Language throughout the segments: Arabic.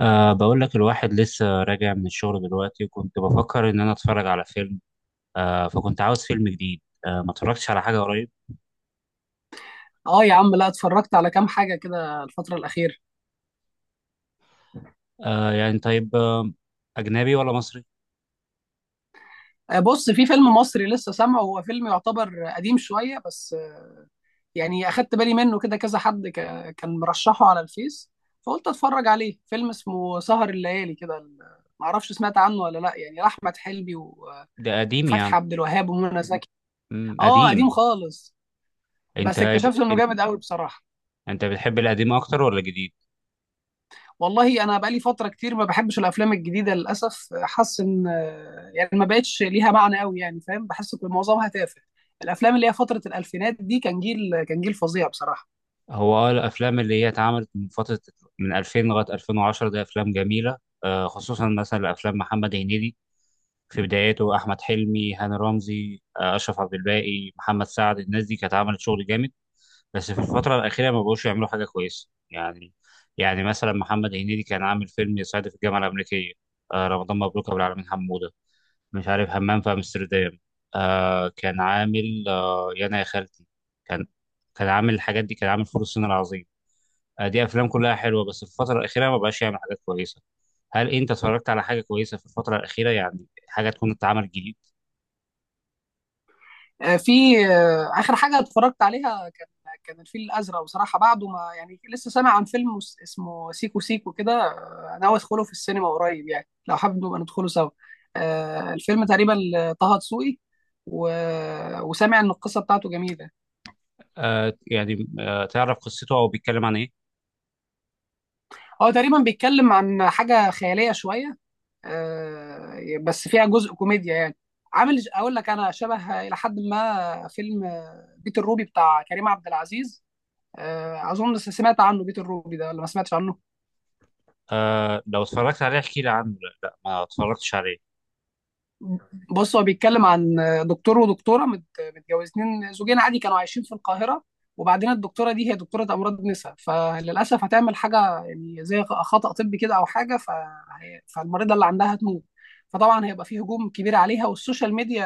بقول لك الواحد لسه راجع من الشغل دلوقتي، وكنت بفكر إن أنا أتفرج على فيلم. فكنت عاوز فيلم جديد. ما اتفرجتش على حاجة قريب. اه يا عم، لا اتفرجت على كام حاجة كده الفترة الأخيرة. يعني طيب. أجنبي ولا مصري؟ بص، في فيلم مصري لسه سامعه، هو فيلم يعتبر قديم شوية بس، يعني أخدت بالي منه كده كذا حد، كان مرشحه على الفيس، فقلت أتفرج عليه. فيلم اسمه سهر الليالي كده. معرفش سمعت عنه ولا لا، يعني لأحمد حلمي وفتحي ده قديم يا عم. عبد الوهاب ومنى زكي. مم، اه، قديم قديم. خالص، أنت بس اكتشفت إنه أنت جامد قوي بصراحة. أنت بتحب القديم أكتر ولا الجديد؟ والله انا بقالي فتره كتير ما بحبش الافلام الجديده للاسف. حاسس ان يعني ما بقتش ليها معنى قوي، يعني فاهم، بحس ان معظمها تافه. الافلام اللي هي فتره الالفينات دي كان جيل فظيع بصراحه. هو الأفلام اللي هي اتعملت من فترة، من 2000 لغاية 2010، ده أفلام جميلة. خصوصا مثلا أفلام محمد هنيدي في بدايته، أحمد حلمي، هاني رمزي، أشرف عبد الباقي، محمد سعد، الناس دي كانت عملت شغل جامد، بس في الفترة الأخيرة ما بقوش يعملوا حاجة كويسة يعني. يعني مثلا محمد هنيدي كان عامل فيلم يصعد في الجامعة الأمريكية، رمضان مبروك أبو العالمين حمودة، مش عارف، همام في أمستردام، كان عامل يانا يا خالتي، كان عامل الحاجات دي، كان عامل فول الصين العظيم. دي أفلام كلها حلوة، بس في الفترة الأخيرة ما بقاش يعمل حاجات كويسة. هل أنت اتفرجت على حاجة كويسة في الفترة الأخيرة؟ يعني حاجة تكون اتعملت جديد. في، اخر حاجه اتفرجت عليها كان الفيل الازرق بصراحه. بعده ما يعني لسه سامع عن فيلم اسمه سيكو سيكو كده. ناوي ادخله في السينما قريب، يعني لو حابب نبقى ندخله سوا. الفيلم تقريبا طه دسوقي و... وسامع ان القصه بتاعته جميله. تعرف قصته أو بيتكلم عن إيه؟ هو تقريبا بيتكلم عن حاجة خيالية شوية، بس فيها جزء كوميديا يعني. عامل اقول لك، انا شبه الى حد ما فيلم بيت الروبي بتاع كريم عبد العزيز. اظن سمعت عنه، بيت الروبي ده، ولا ما سمعتش عنه؟ لو اتفرجت عليه احكي لي عنه. لا لا، ما اتفرجتش عليه. بص، هو بيتكلم عن دكتور ودكتوره متجوزين زوجين عادي، كانوا عايشين في القاهره. وبعدين الدكتوره دي هي دكتوره امراض نساء، فللاسف هتعمل حاجه يعني زي خطا طبي كده او حاجه، فالمريضه اللي عندها هتموت. فطبعا هيبقى فيه هجوم كبير عليها، والسوشيال ميديا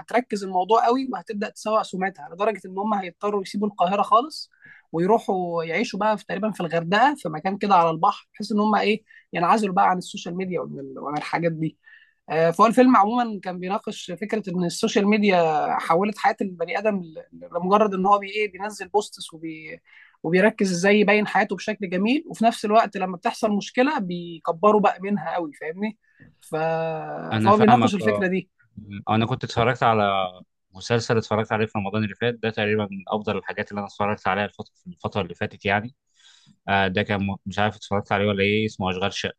هتركز الموضوع قوي، وهتبدا تسوق سمعتها، لدرجه ان هم هيضطروا يسيبوا القاهره خالص ويروحوا يعيشوا بقى في، تقريبا، في الغردقه، في مكان كده على البحر، بحيث ان هم ايه، ينعزلوا بقى عن السوشيال ميديا وعن الحاجات دي. فهو الفيلم عموما كان بيناقش فكره ان السوشيال ميديا حولت حياه البني ادم لمجرد ان هو بي ايه بينزل بوستس وبيركز ازاي يبين حياته بشكل جميل. وفي نفس الوقت لما بتحصل مشكله بيكبروا بقى منها قوي، فاهمني. ف... انا فهو فاهمك بيناقش الفكره اه. دي. انا كنت اتفرجت على مسلسل، اتفرجت عليه في رمضان اللي فات، ده تقريبا من افضل الحاجات اللي انا اتفرجت عليها الفتره في الفتره اللي فاتت يعني. ده كان مش عارف اتفرجت عليه ولا ايه، اسمه اشغال شقه.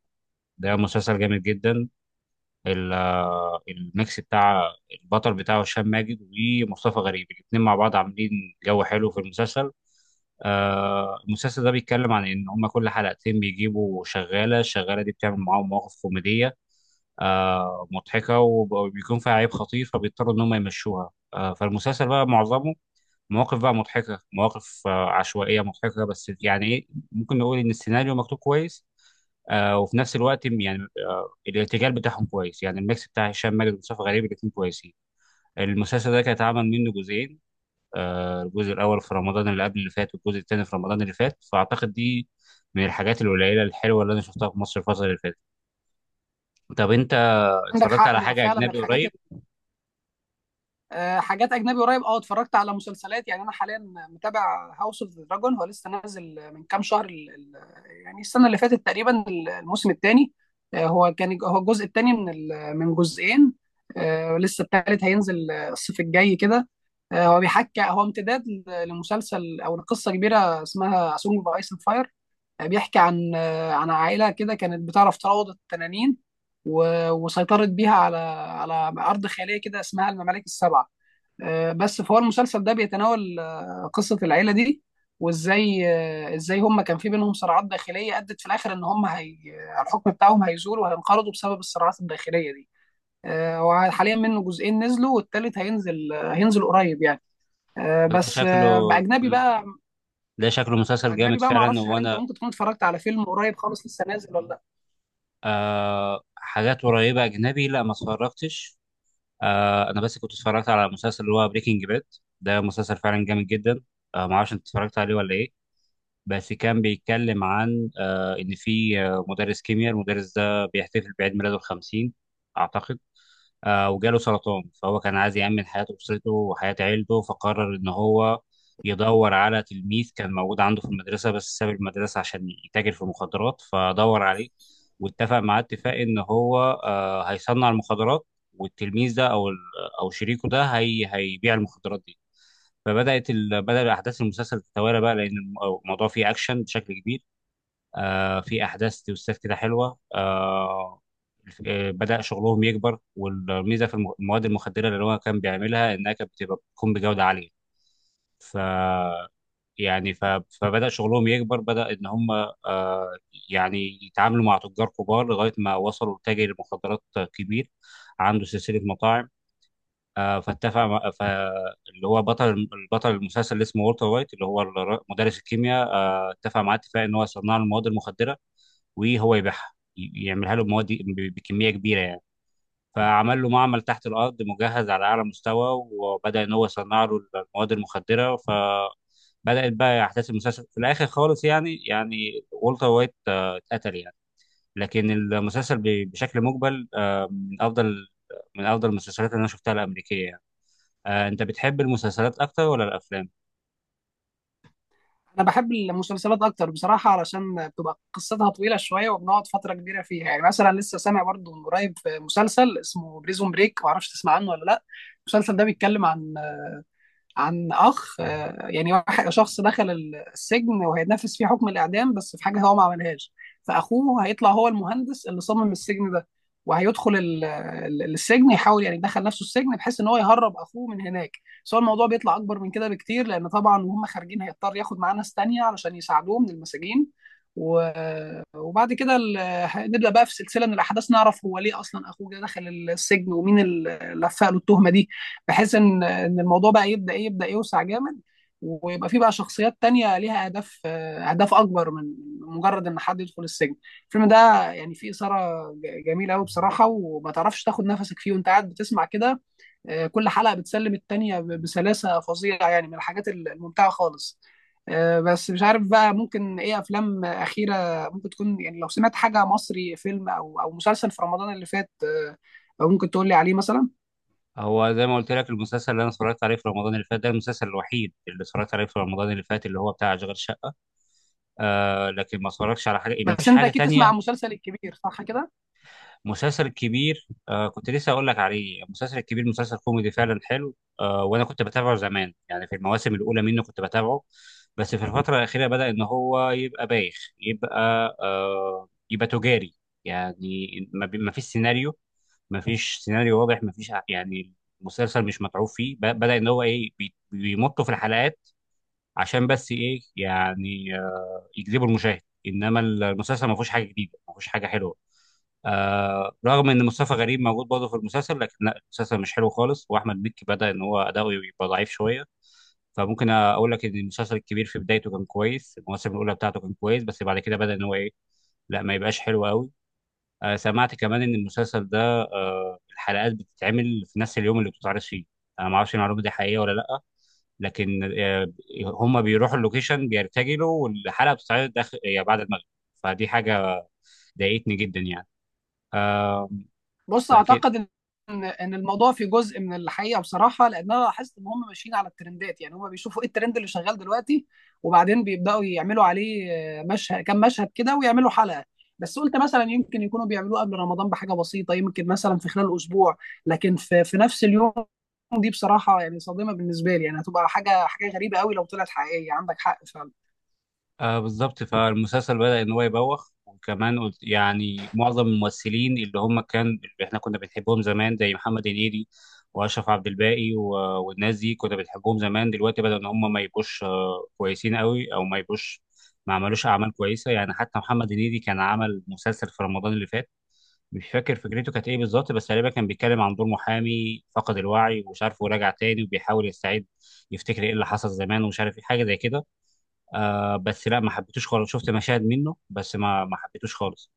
ده مسلسل جامد جدا. الميكس بتاع البطل بتاعه هشام ماجد ومصطفى غريب، الاتنين مع بعض عاملين جو حلو في المسلسل. المسلسل ده بيتكلم عن ان هم كل حلقتين بيجيبوا شغاله، الشغاله دي بتعمل معاهم مواقف كوميديه مضحكه، وبيكون فيها عيب خطير فبيضطروا ان هم يمشوها. فالمسلسل بقى معظمه مواقف بقى مضحكة، مواقف عشوائية مضحكة، بس يعني ايه، ممكن نقول ان السيناريو مكتوب كويس. وفي نفس الوقت يعني الارتجال بتاعهم كويس، يعني الميكس بتاع هشام ماجد ومصطفى غريب الاثنين كويسين. المسلسل ده كان اتعمل منه جزئين، الجزء الاول في رمضان اللي قبل اللي فات، والجزء الثاني في رمضان اللي فات، فاعتقد دي من الحاجات القليلة الحلوة اللي انا شفتها في مصر الفترة اللي فاتت. طب انت عندك اتفرجت حق، على هو حاجة فعلا اجنبي الحاجات، قريب؟ حاجات اجنبي قريب، اه، اتفرجت على مسلسلات. يعني انا حاليا متابع هاوس اوف ذا دراجون. هو لسه نازل من كام شهر، يعني السنه اللي فاتت تقريبا، الموسم الثاني. هو الجزء الثاني من جزئين. لسه الثالث هينزل الصيف الجاي كده. هو بيحكي، هو امتداد لمسلسل او لقصه كبيره اسمها سونج اوف ايس اند فاير. بيحكي عن عائله كده كانت بتعرف تروض التنانين وسيطرت بيها على ارض خياليه كده اسمها الممالك السبعه. بس فهو المسلسل ده بيتناول قصة العيلة دي، وازاي آه، ازاي هم كان في بينهم صراعات داخلية ادت في الاخر ان هم، هي، الحكم بتاعهم هيزول وهينقرضوا بسبب الصراعات الداخلية دي. هو حاليا منه جزئين نزلوا والتالت هينزل قريب يعني. آه، ده بس شكله، آه، باجنبي بقى. ده شكله مسلسل اجنبي جامد بقى، ما فعلا، اعرفش، هل انت وانا ممكن تكون اتفرجت على فيلم قريب خالص لسه نازل ولا لا؟ حاجات قريبة أجنبي لا ما اتفرجتش. أنا بس كنت اتفرجت على مسلسل اللي هو بريكنج باد. ده مسلسل فعلا جامد جدا. ما أعرفش أنت اتفرجت عليه ولا إيه. بس كان بيتكلم عن إن في مدرس كيمياء، المدرس ده بيحتفل بعيد ميلاده الخمسين أعتقد. وجاله سرطان، فهو كان عايز يأمن حياة أسرته وحياة عيلته، فقرر إن هو يدور على تلميذ كان موجود عنده في المدرسة بس ساب المدرسة عشان يتاجر في المخدرات، فدور عليه واتفق معاه اتفاق إن هو هيصنع المخدرات، والتلميذ ده أو شريكه ده هي هيبيع المخدرات دي. بدأ أحداث المسلسل تتوالى بقى، لأن الموضوع فيه أكشن بشكل كبير. في احداث توستات كده حلوه. بدأ شغلهم يكبر، والميزه في المواد المخدره اللي هو كان بيعملها انها كانت بتبقى بتكون بجوده عاليه. ف يعني ف... فبدأ شغلهم يكبر، بدأ ان هم آه يعني يتعاملوا مع تجار كبار لغايه ما وصلوا لتاجر مخدرات كبير عنده سلسله مطاعم. آه فاتفق مع... ف... اللي هو بطل المسلسل اللي اسمه والتر وايت، اللي هو مدرس الكيمياء، اتفق معاه اتفاق ان هو يصنع له المواد المخدره وهو يبيعها، يعملها له بمواد بكميه كبيره يعني. فعمل له معمل تحت الارض مجهز على اعلى مستوى، وبدا ان هو يصنع له المواد المخدره. فبدات بقى احداث المسلسل في الاخر خالص يعني، يعني والتر وايت اتقتل يعني. لكن المسلسل بشكل مجمل من افضل المسلسلات اللي انا شفتها الامريكيه يعني. انت بتحب المسلسلات اكتر ولا الافلام؟ انا بحب المسلسلات اكتر بصراحه علشان بتبقى قصتها طويله شويه وبنقعد فتره كبيره فيها. يعني مثلا لسه سامع برضو من قريب مسلسل اسمه بريزون بريك. معرفش تسمع عنه ولا لا. المسلسل ده بيتكلم عن أخ، يعني شخص دخل السجن وهيتنفذ فيه حكم الإعدام، بس في حاجة هو ما عملهاش. فأخوه هيطلع، هو المهندس اللي صمم السجن ده، وهيدخل السجن، يحاول يعني يدخل نفسه السجن بحيث ان هو يهرب اخوه من هناك. بس هو الموضوع بيطلع اكبر من كده بكتير، لان طبعا وهم خارجين هيضطر ياخد معاه ناس تانية علشان يساعدوه من المساجين. و... وبعد كده نبدا بقى في سلسله من الاحداث، نعرف هو ليه اصلا اخوه جه دخل السجن ومين اللي لفق له التهمه دي، بحيث ان الموضوع بقى يبدا يوسع جامد، ويبقى في بقى شخصيات تانية ليها اهداف اكبر من مجرد ان حد يدخل السجن. الفيلم ده يعني فيه اثاره جميله قوي بصراحه، وما تعرفش تاخد نفسك فيه وانت قاعد بتسمع كده. كل حلقه بتسلم التانية بسلاسه فظيعه، يعني من الحاجات الممتعه خالص. بس مش عارف بقى، ممكن ايه افلام اخيره ممكن تكون، يعني لو سمعت حاجه مصري فيلم او مسلسل في رمضان اللي فات، ممكن تقول لي عليه مثلا. هو زي ما قلت لك، المسلسل اللي انا اتفرجت عليه في رمضان اللي فات ده المسلسل الوحيد اللي اتفرجت عليه في رمضان اللي فات، اللي هو بتاع اشغال شقه. لكن ما اتفرجش على حاجه، ما بس فيش انت حاجه اكيد تسمع تانية. عن مسلسل الكبير، صح كده؟ مسلسل كبير، كنت لسه اقول لك عليه. مسلسل كبير، مسلسل كوميدي فعلا حلو. وانا كنت بتابعه زمان يعني، في المواسم الاولى منه كنت بتابعه. بس في الفتره الاخيره بدا ان هو يبقى بايخ، يبقى يبقى تجاري يعني. ما فيش سيناريو، ما فيش سيناريو واضح، ما فيش يعني المسلسل مش متعوب فيه، بدا ان هو ايه، بيمطوا في الحلقات عشان بس ايه يعني يجذبوا المشاهد. انما المسلسل ما فيهوش حاجه جديده، ما فيهوش حاجه حلوه. رغم ان مصطفى غريب موجود برضه في المسلسل، لكن لا، المسلسل مش حلو خالص، واحمد مكي بدا ان هو اداؤه يبقى ضعيف شويه. فممكن اقول لك ان المسلسل الكبير في بدايته كان كويس، المواسم الاولى بتاعته كان كويس، بس بعد كده بدا ان هو ايه، لا ما يبقاش حلو قوي. سمعت كمان ان المسلسل ده الحلقات بتتعمل في نفس اليوم اللي بتتعرض فيه. انا ما اعرفش المعلومه دي حقيقيه ولا لا، لكن هم بيروحوا اللوكيشن بيرتجلوا والحلقه بتتعرض داخل يعني بعد المغرب. فدي حاجه ضايقتني جدا يعني. آه بص، لكن اعتقد ان الموضوع في جزء من الحقيقه بصراحه، لان انا لاحظت ان هم ماشيين على الترندات. يعني هم بيشوفوا ايه الترند اللي شغال دلوقتي وبعدين بيبداوا يعملوا عليه مشهد، كام مشهد كده، ويعملوا حلقه. بس قلت مثلا يمكن يكونوا بيعملوه قبل رمضان بحاجه بسيطه، يمكن مثلا في خلال اسبوع. لكن في نفس اليوم، دي بصراحه يعني صادمه بالنسبه لي. يعني هتبقى حاجه غريبه قوي لو طلعت حقيقيه. عندك حق فعلا. آه بالظبط، فالمسلسل بدأ ان هو يبوخ. وكمان قلت يعني معظم الممثلين اللي هم كان اللي احنا كنا بنحبهم زمان، زي محمد هنيدي واشرف عبد الباقي والناس دي كنا بنحبهم زمان، دلوقتي بدأ ان هم ما يبقوش كويسين قوي، او ما يبقوش، ما عملوش اعمال كويسه يعني. حتى محمد هنيدي كان عمل مسلسل في رمضان اللي فات، مش فاكر فكرته كانت ايه بالظبط، بس غالبا كان بيتكلم عن دور محامي فقد الوعي ومش عارف وراجع تاني وبيحاول يستعيد يفتكر ايه اللي حصل زمان، ومش عارف ايه حاجه زي كده. بس لا ما حبيتوش خالص، شفت مشاهد منه بس ما حبيتوش خالص.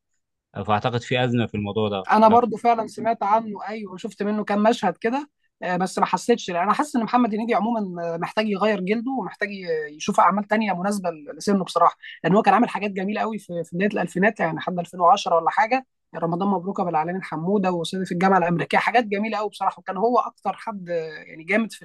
فاعتقد في ازمه في الموضوع ده. انا برضو فعلا سمعت عنه، ايوه، شفت منه كام مشهد كده. بس ما حسيتش، لأ، انا حاسس ان محمد هنيدي عموما محتاج يغير جلده ومحتاج يشوف اعمال تانية مناسبه لسنه بصراحه. لان هو كان عامل حاجات جميله قوي في بدايه الالفينات، يعني لحد 2010 ولا حاجه. يعني رمضان مبروك ابو العلمين حموده وصعيدي في الجامعه الامريكيه، حاجات جميله قوي بصراحه. وكان هو اكتر حد، يعني جامد في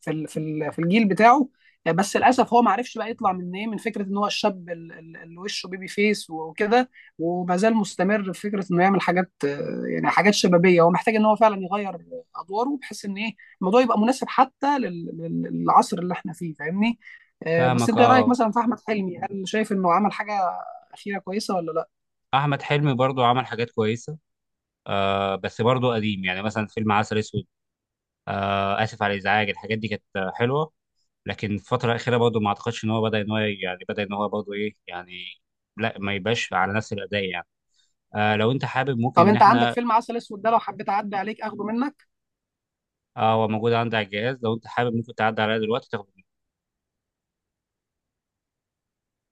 في ال- في ال- في الجيل بتاعه. بس للاسف هو ما عرفش بقى يطلع من ايه، من فكره ان هو الشاب اللي وشه بيبي فيس وكده. وما زال مستمر في فكره انه يعمل حاجات، يعني حاجات شبابيه. هو محتاج ان هو فعلا يغير ادواره بحيث ان ايه، الموضوع يبقى مناسب حتى للعصر اللي احنا فيه، فاهمني. بس فاهمك انت إيه رايك اه. مثلا في احمد حلمي؟ هل شايف انه عمل حاجه اخيره كويسه ولا لا؟ احمد حلمي برضو عمل حاجات كويسه، بس برضو قديم يعني، مثلا فيلم عسل اسود، اسف على الازعاج. الحاجات دي كانت حلوه، لكن الفتره الاخيره برضو ما اعتقدش ان هو بدا ان هو يعني بدا ان هو برضو ايه يعني، لا ما يبقاش على نفس الاداء يعني. لو انت حابب ممكن طب ان انت عندك احنا فيلم عسل اسود ده؟ لو حبيت اعدي عليك اخده منك. هو موجود عندي على الجهاز، لو انت حابب ممكن تعدي عليا دلوقتي تاخد.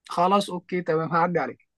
خلاص، اوكي، تمام، هعدي عليك.